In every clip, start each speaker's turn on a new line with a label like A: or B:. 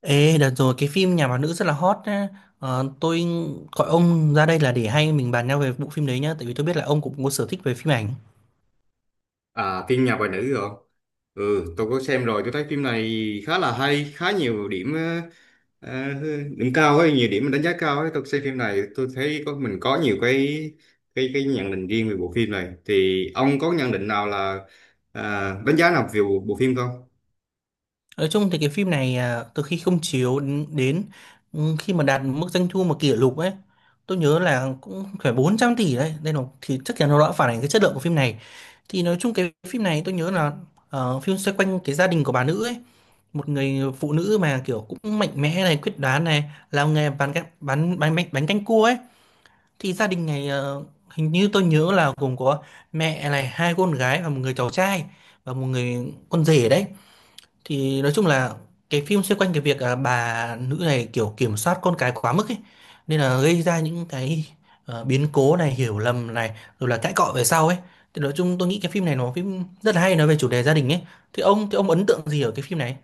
A: Ê, đợt rồi cái phim Nhà bà nữ rất là hot nhá. Tôi gọi ông ra đây là để hay mình bàn nhau về bộ phim đấy nhá, tại vì tôi biết là ông cũng có sở thích về phim ảnh.
B: À, phim Nhà bà nữ rồi. Ừ, tôi có xem rồi, tôi thấy phim này khá là hay, khá nhiều điểm ờ, điểm cao ấy, nhiều điểm đánh giá cao ấy. Tôi xem phim này, tôi thấy có mình có nhiều cái nhận định riêng về bộ phim này. Thì ông có nhận định nào là đánh giá nào về bộ phim không?
A: Nói chung thì cái phim này từ khi không chiếu đến khi mà đạt mức doanh thu mà kỷ lục ấy, tôi nhớ là cũng phải 400 tỷ đấy. Đây là thì chắc chắn nó đã phản ánh cái chất lượng của phim này. Thì nói chung cái phim này tôi nhớ là phim xoay quanh cái gia đình của bà nữ ấy, một người phụ nữ mà kiểu cũng mạnh mẽ này, quyết đoán này, làm nghề bán bánh bánh bánh bánh canh cua ấy. Thì gia đình này hình như tôi nhớ là gồm có mẹ này, hai con gái và một người cháu trai và một người con rể đấy. Thì nói chung là cái phim xoay quanh cái việc bà nữ này kiểu kiểm soát con cái quá mức ấy, nên là gây ra những cái biến cố này, hiểu lầm này, rồi là cãi cọ về sau ấy. Thì nói chung tôi nghĩ cái phim này nó phim rất là hay, nói về chủ đề gia đình ấy. Thì ông ấn tượng gì ở cái phim này?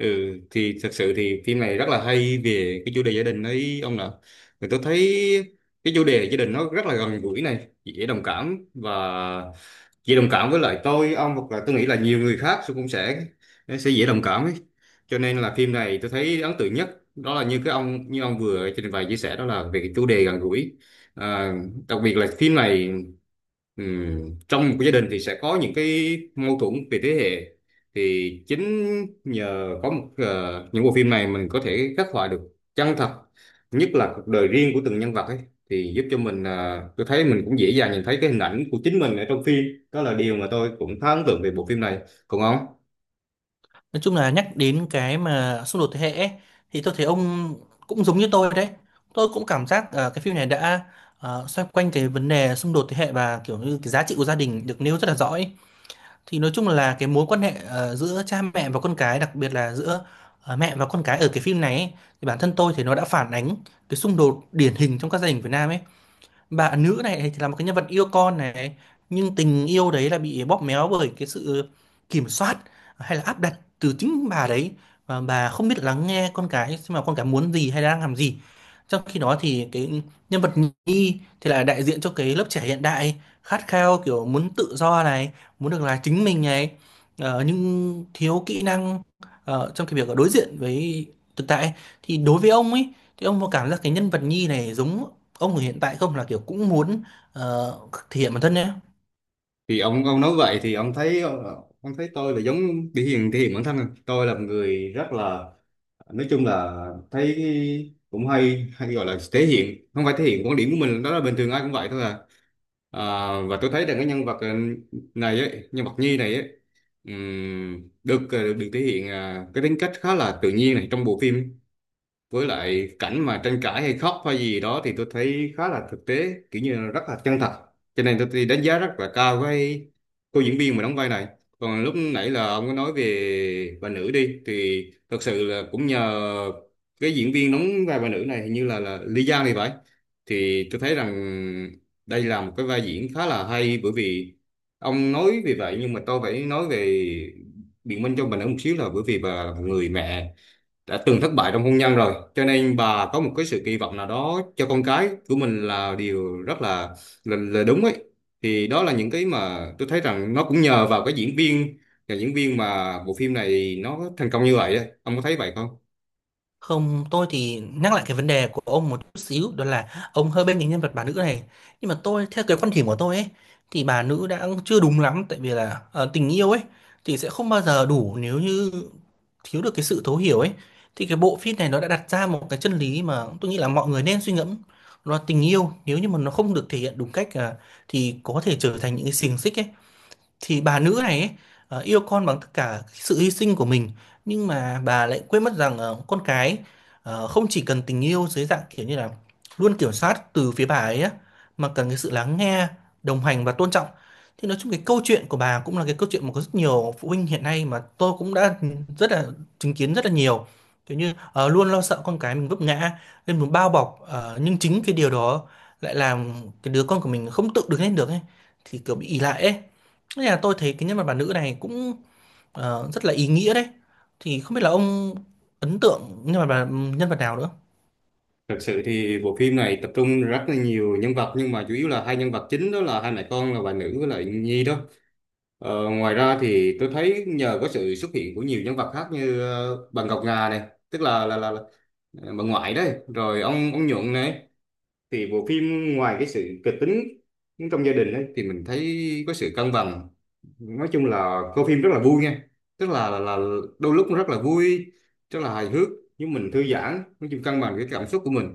B: Ừ, thì thật sự thì phim này rất là hay về cái chủ đề gia đình ấy ông nè. Thì tôi thấy cái chủ đề gia đình nó rất là gần gũi này, dễ đồng cảm và chị đồng cảm với lại tôi ông, hoặc là tôi nghĩ là nhiều người khác cũng sẽ sẽ dễ đồng cảm ấy. Cho nên là phim này tôi thấy ấn tượng nhất đó là như cái ông, như ông vừa trình bày chia sẻ, đó là về cái chủ đề gần gũi, à, đặc biệt là phim này. Ừ. Trong một cái gia đình thì sẽ có những cái mâu thuẫn về thế hệ, thì chính nhờ có một những bộ phim này mình có thể khắc họa được chân thật nhất là cuộc đời riêng của từng nhân vật ấy, thì giúp cho mình, tôi thấy mình cũng dễ dàng nhìn thấy cái hình ảnh của chính mình ở trong phim. Đó là điều mà tôi cũng khá ấn tượng về bộ phim này, còn ông?
A: Nói chung là nhắc đến cái mà xung đột thế hệ ấy, thì tôi thấy ông cũng giống như tôi đấy. Tôi cũng cảm giác cái phim này đã xoay quanh cái vấn đề xung đột thế hệ và kiểu như cái giá trị của gia đình được nêu rất là rõ ấy. Thì nói chung là cái mối quan hệ giữa cha mẹ và con cái, đặc biệt là giữa mẹ và con cái ở cái phim này ấy, thì bản thân tôi thì nó đã phản ánh cái xung đột điển hình trong các gia đình Việt Nam ấy. Bà nữ này thì là một cái nhân vật yêu con này, nhưng tình yêu đấy là bị bóp méo bởi cái sự kiểm soát hay là áp đặt từ chính bà đấy, và bà không biết lắng nghe con cái xem mà con cái muốn gì hay đang làm gì. Trong khi đó thì cái nhân vật Nhi thì lại đại diện cho cái lớp trẻ hiện đại, khát khao kiểu muốn tự do này, muốn được là chính mình này, nhưng thiếu kỹ năng trong cái việc đối diện với thực tại. Thì đối với ông ấy, thì ông có cảm giác cái nhân vật Nhi này giống ông hiện tại không, là kiểu cũng muốn ờ, thể hiện bản thân nhé.
B: Thì ông nói vậy thì ông thấy ông thấy tôi là giống thể hiện bản thân à? Tôi là một người rất là, nói chung là thấy cũng hay, hay gọi là thể hiện, không phải, thể hiện quan điểm của mình đó là bình thường ai cũng vậy thôi à. À, và tôi thấy rằng cái nhân vật, này ấy, nhân vật Nhi này ấy, được được thể hiện, cái tính cách khá là tự nhiên này trong bộ phim, với lại cảnh mà tranh cãi hay khóc hay gì đó thì tôi thấy khá là thực tế, kiểu như là rất là chân thật. Cho nên tôi đánh giá rất là cao với cô diễn viên mà đóng vai này. Còn lúc nãy là ông có nói về bà nữ đi, thì thật sự là cũng nhờ cái diễn viên đóng vai bà nữ này, hình như là Lý Giang thì phải. Thì tôi thấy rằng đây là một cái vai diễn khá là hay, bởi vì ông nói vì vậy nhưng mà tôi phải nói về, biện minh cho bà nữ một xíu, là bởi vì bà là một người mẹ đã từng thất bại trong hôn nhân rồi, cho nên bà có một cái sự kỳ vọng nào đó cho con cái của mình là điều rất là đúng ấy. Thì đó là những cái mà tôi thấy rằng nó cũng nhờ vào cái diễn viên, và diễn viên mà bộ phim này nó thành công như vậy ấy. Ông có thấy vậy không?
A: Không, tôi thì nhắc lại cái vấn đề của ông một chút xíu, đó là ông hơi bên cái nhân vật bà nữ này, nhưng mà tôi theo cái quan điểm của tôi ấy, thì bà nữ đã chưa đúng lắm, tại vì là tình yêu ấy thì sẽ không bao giờ đủ nếu như thiếu được cái sự thấu hiểu ấy. Thì cái bộ phim này nó đã đặt ra một cái chân lý mà tôi nghĩ là mọi người nên suy ngẫm, đó là tình yêu nếu như mà nó không được thể hiện đúng cách thì có thể trở thành những cái xiềng xích ấy. Thì bà nữ này ấy, yêu con bằng tất cả cái sự hy sinh của mình, nhưng mà bà lại quên mất rằng con cái không chỉ cần tình yêu dưới dạng kiểu như là luôn kiểm soát từ phía bà ấy á, mà cần cái sự lắng nghe, đồng hành và tôn trọng. Thì nói chung cái câu chuyện của bà cũng là cái câu chuyện mà có rất nhiều phụ huynh hiện nay mà tôi cũng đã rất là chứng kiến rất là nhiều, kiểu như luôn lo sợ con cái mình vấp ngã, nên muốn bao bọc nhưng chính cái điều đó lại làm cái đứa con của mình không tự đứng lên được ấy, thì kiểu bị ỷ lại ấy. Thế là tôi thấy cái nhân vật bà nữ này cũng rất là ý nghĩa đấy. Thì không biết là ông ấn tượng nhân vật bà, nhân vật nào nữa.
B: Thực sự thì bộ phim này tập trung rất là nhiều nhân vật, nhưng mà chủ yếu là hai nhân vật chính đó là hai mẹ con là bà nữ với lại Nhi đó. Ngoài ra thì tôi thấy nhờ có sự xuất hiện của nhiều nhân vật khác như bà Ngọc Ngà này, tức là bà ngoại đấy, rồi ông Nhuận này, thì bộ phim ngoài cái sự kịch tính trong gia đình ấy, thì mình thấy có sự cân bằng. Nói chung là coi phim rất là vui nha, tức là đôi lúc nó rất là vui, rất là hài hước, nhưng mình thư giãn, nói chung cân bằng cái cảm xúc của mình.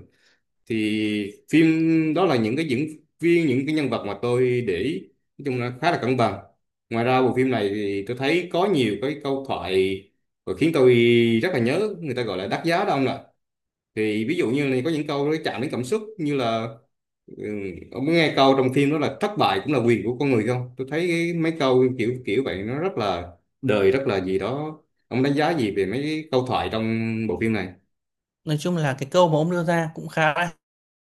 B: Thì phim, đó là những cái diễn viên, những cái nhân vật mà tôi để ý, nói chung là khá là cân bằng. Ngoài ra bộ phim này thì tôi thấy có nhiều cái câu thoại và khiến tôi rất là nhớ, người ta gọi là đắt giá đó ông ạ. Thì ví dụ như là có những câu nó chạm đến cảm xúc, như là, ừ, ông có nghe câu trong phim đó là thất bại cũng là quyền của con người không? Tôi thấy cái, mấy câu kiểu kiểu vậy nó rất là đời, rất là gì đó. Ông đánh giá gì về mấy cái câu thoại trong bộ phim này?
A: Nói chung là cái câu mà ông đưa ra cũng khá là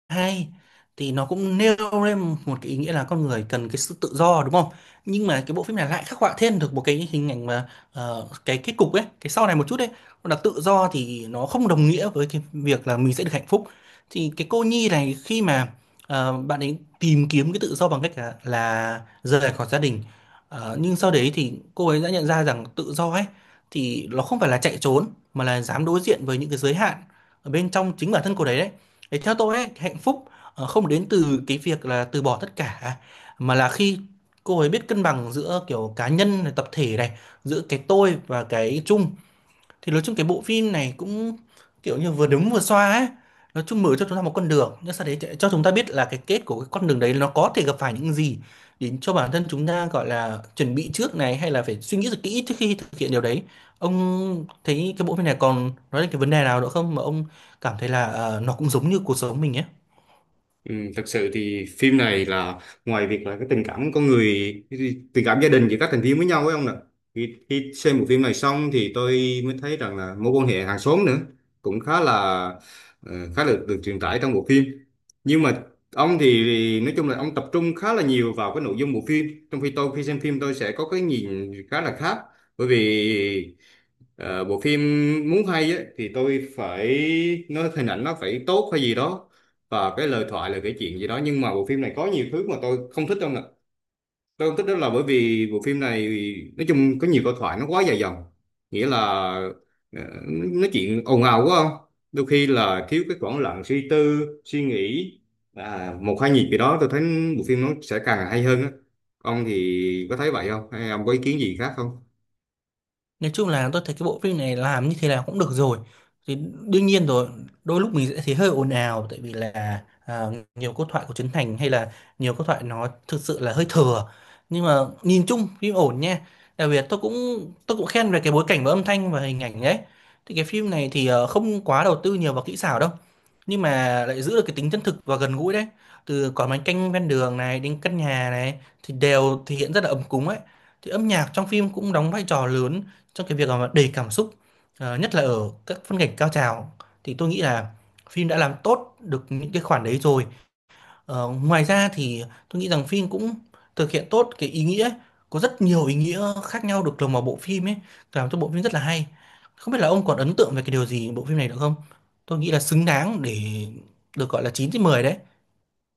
A: hay, thì nó cũng nêu lên một cái ý nghĩa là con người cần cái sự tự do đúng không, nhưng mà cái bộ phim này lại khắc họa thêm được một cái hình ảnh mà cái kết cục ấy cái sau này một chút ấy, là tự do thì nó không đồng nghĩa với cái việc là mình sẽ được hạnh phúc. Thì cái cô Nhi này khi mà bạn ấy tìm kiếm cái tự do bằng cách là rời khỏi gia đình. Ờ, nhưng sau đấy thì cô ấy đã nhận ra rằng tự do ấy thì nó không phải là chạy trốn, mà là dám đối diện với những cái giới hạn ở bên trong chính bản thân cô đấy đấy. Thì theo tôi ấy, hạnh phúc không đến từ cái việc là từ bỏ tất cả, mà là khi cô ấy biết cân bằng giữa kiểu cá nhân này, tập thể này, giữa cái tôi và cái chung. Thì nói chung cái bộ phim này cũng kiểu như vừa đúng vừa xoa ấy, nói chung mở cho chúng ta một con đường, nhưng sau đấy cho chúng ta biết là cái kết của cái con đường đấy nó có thể gặp phải những gì, để cho bản thân chúng ta gọi là chuẩn bị trước này hay là phải suy nghĩ thật kỹ trước khi thực hiện điều đấy. Ông thấy cái bộ phim này còn nói đến cái vấn đề nào nữa không mà ông cảm thấy là nó cũng giống như cuộc sống mình ấy?
B: Ừ, thật sự thì phim này là, ngoài việc là cái tình cảm con người, cái tình cảm gia đình giữa các thành viên với nhau ấy ông nè, khi xem bộ phim này xong thì tôi mới thấy rằng là mối quan hệ hàng xóm nữa cũng khá là, khá là được truyền tải trong bộ phim. Nhưng mà ông thì nói chung là ông tập trung khá là nhiều vào cái nội dung bộ phim, trong khi tôi khi xem phim tôi sẽ có cái nhìn khá là khác, bởi vì bộ phim muốn hay ấy, thì tôi phải nói hình ảnh nó phải tốt hay gì đó, và cái lời thoại là cái chuyện gì đó. Nhưng mà bộ phim này có nhiều thứ mà tôi không thích đâu nè. Tôi không thích đó là bởi vì bộ phim này, nói chung có nhiều câu thoại nó quá dài dòng, nghĩa là ờ, nói chuyện ồn ào quá, không đôi khi là thiếu cái khoảng lặng suy tư suy nghĩ, một hai nhịp gì đó, tôi thấy bộ phim nó sẽ càng hay hơn á. Ông thì có thấy vậy không, hay ông có ý kiến gì khác không?
A: Nói chung là tôi thấy cái bộ phim này làm như thế nào cũng được rồi. Thì đương nhiên rồi, đôi lúc mình sẽ thấy hơi ồn ào tại vì là nhiều câu thoại của Trấn Thành hay là nhiều câu thoại nó thực sự là hơi thừa. Nhưng mà nhìn chung phim ổn nha. Đặc biệt tôi cũng khen về cái bối cảnh và âm thanh và hình ảnh đấy. Thì cái phim này thì không quá đầu tư nhiều vào kỹ xảo đâu, nhưng mà lại giữ được cái tính chân thực và gần gũi đấy, từ quán bánh canh ven đường này đến căn nhà này thì đều thể hiện rất là ấm cúng ấy. Thì âm nhạc trong phim cũng đóng vai trò lớn trong cái việc mà đầy cảm xúc. Ờ, nhất là ở các phân cảnh cao trào, thì tôi nghĩ là phim đã làm tốt được những cái khoản đấy rồi. Ờ, ngoài ra thì tôi nghĩ rằng phim cũng thực hiện tốt cái ý nghĩa ấy. Có rất nhiều ý nghĩa khác nhau được lồng vào bộ phim ấy, làm cho bộ phim rất là hay. Không biết là ông còn ấn tượng về cái điều gì bộ phim này được không, tôi nghĩ là xứng đáng để được gọi là 9/10 đấy.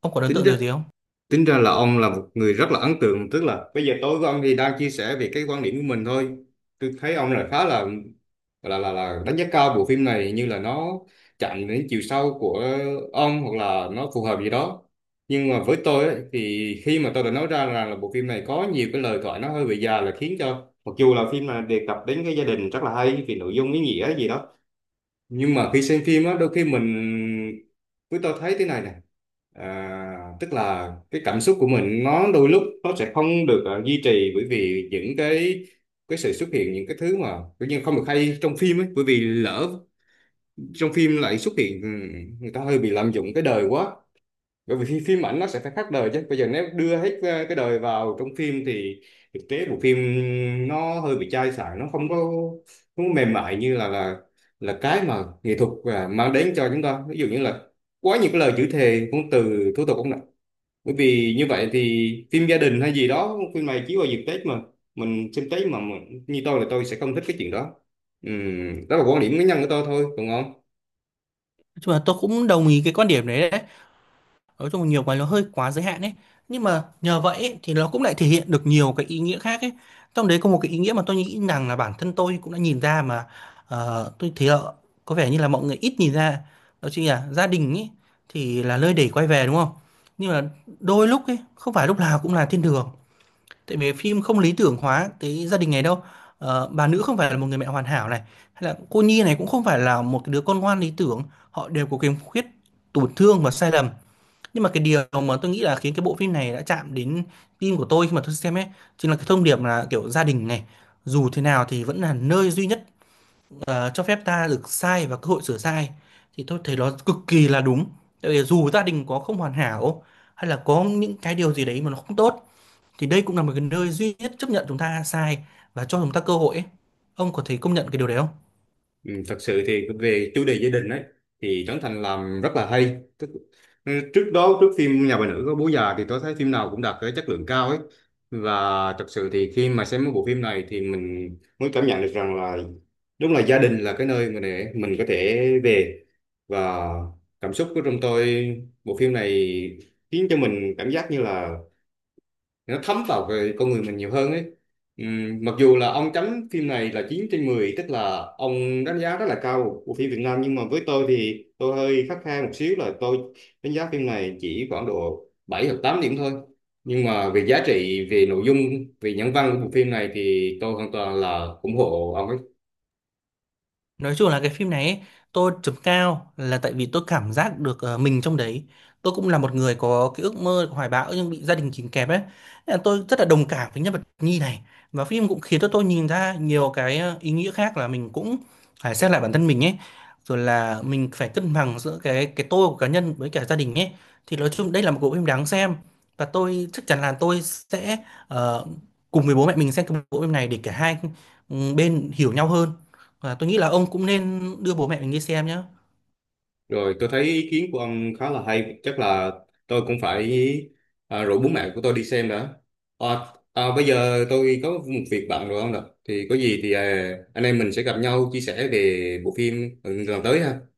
A: Ông còn ấn
B: Tính
A: tượng
B: đó.
A: điều gì không?
B: Tính ra là ông là một người rất là ấn tượng, tức là bây giờ tối của ông thì đang chia sẻ về cái quan điểm của mình thôi. Tôi thấy ông là khá là là đánh giá cao bộ phim này, như là nó chạm đến chiều sâu của ông, hoặc là nó phù hợp gì đó. Nhưng mà với tôi ấy, thì khi mà tôi đã nói ra rằng là bộ phim này có nhiều cái lời thoại nó hơi bị già, là khiến cho mặc dù là phim là đề cập đến cái gia đình rất là hay vì nội dung ý nghĩa gì đó, nhưng mà khi xem phim á, đôi khi mình, với tôi thấy thế này nè, tức là cái cảm xúc của mình nó đôi lúc nó sẽ không được, duy trì, bởi vì những cái sự xuất hiện những cái thứ mà tự nhiên không được hay trong phim ấy, bởi vì lỡ trong phim lại xuất hiện, người ta hơi bị lạm dụng cái đời quá, bởi vì phim ảnh nó sẽ phải khác đời chứ, bây giờ nếu đưa hết cái đời vào trong phim thì thực tế bộ phim nó hơi bị chai sạn, nó không có mềm mại như là cái mà nghệ thuật mang đến cho chúng ta, ví dụ như là quá nhiều cái lời chữ thề, ngôn từ thô tục không nè. Bởi vì như vậy thì phim gia đình hay gì đó, phim này chiếu vào dịp Tết mà, mình xem Tết mà mình, như tôi là tôi sẽ không thích cái chuyện đó. Đó là quan điểm cá nhân của tôi thôi, còn không.
A: Nói chung là tôi cũng đồng ý cái quan điểm đấy đấy. Nói chung nhiều cái nó hơi quá giới hạn ấy, nhưng mà nhờ vậy ấy, thì nó cũng lại thể hiện được nhiều cái ý nghĩa khác ấy. Trong đấy có một cái ý nghĩa mà tôi nghĩ rằng là bản thân tôi cũng đã nhìn ra mà tôi thấy là có vẻ như là mọi người ít nhìn ra, đó chính là gia đình ấy, thì là nơi để quay về đúng không. Nhưng mà đôi lúc ấy không phải lúc nào cũng là thiên đường, tại vì phim không lý tưởng hóa cái gia đình này đâu. Ờ, bà nữ không phải là một người mẹ hoàn hảo này, hay là cô Nhi này cũng không phải là một cái đứa con ngoan lý tưởng, họ đều có khiếm khuyết, tổn thương và sai lầm. Nhưng mà cái điều mà tôi nghĩ là khiến cái bộ phim này đã chạm đến tim của tôi khi mà tôi xem ấy, chính là cái thông điệp là kiểu gia đình này dù thế nào thì vẫn là nơi duy nhất cho phép ta được sai và cơ hội sửa sai. Thì tôi thấy nó cực kỳ là đúng, tại vì dù gia đình có không hoàn hảo, hay là có những cái điều gì đấy mà nó không tốt, thì đây cũng là một cái nơi duy nhất chấp nhận chúng ta sai và cho chúng ta cơ hội ấy. Ông có thấy công nhận cái điều đấy không?
B: Ừ, thật sự thì về chủ đề gia đình ấy thì Trấn Thành làm rất là hay. Ừ, trước đó trước phim Nhà bà nữ có Bố già, thì tôi thấy phim nào cũng đạt cái chất lượng cao ấy. Và thật sự thì khi mà xem một bộ phim này thì mình mới cảm nhận được rằng là, đúng là gia đình là cái nơi mà để mình có thể về, và cảm xúc của trong tôi, bộ phim này khiến cho mình cảm giác như là nó thấm vào cái con người mình nhiều hơn ấy. Mặc dù là ông chấm phim này là 9/10, tức là ông đánh giá rất là cao của phim Việt Nam, nhưng mà với tôi thì tôi hơi khắt khe một xíu, là tôi đánh giá phim này chỉ khoảng độ 7 hoặc 8 điểm thôi, nhưng mà về giá trị, về nội dung, về nhân văn của bộ phim này thì tôi hoàn toàn là ủng hộ ông ấy.
A: Nói chung là cái phim này ấy, tôi chấm cao là tại vì tôi cảm giác được mình trong đấy. Tôi cũng là một người có cái ước mơ hoài bão nhưng bị gia đình kìm kẹp ấy. Nên là tôi rất là đồng cảm với nhân vật Nhi này. Và phim cũng khiến cho tôi nhìn ra nhiều cái ý nghĩa khác là mình cũng phải xét lại bản thân mình ấy. Rồi là mình phải cân bằng giữa cái tôi của cá nhân với cả gia đình ấy. Thì nói chung đây là một bộ phim đáng xem. Và tôi chắc chắn là tôi sẽ ờ, cùng với bố mẹ mình xem cái bộ phim này để cả hai bên hiểu nhau hơn. Và tôi nghĩ là ông cũng nên đưa bố mẹ mình đi xem nhé.
B: Rồi, tôi thấy ý kiến của ông khá là hay, chắc là tôi cũng phải, rủ bố mẹ của tôi đi xem đã. À, bây giờ tôi có một việc bận rồi ông ạ. Thì có gì thì, anh em mình sẽ gặp nhau chia sẻ về bộ phim, lần tới ha.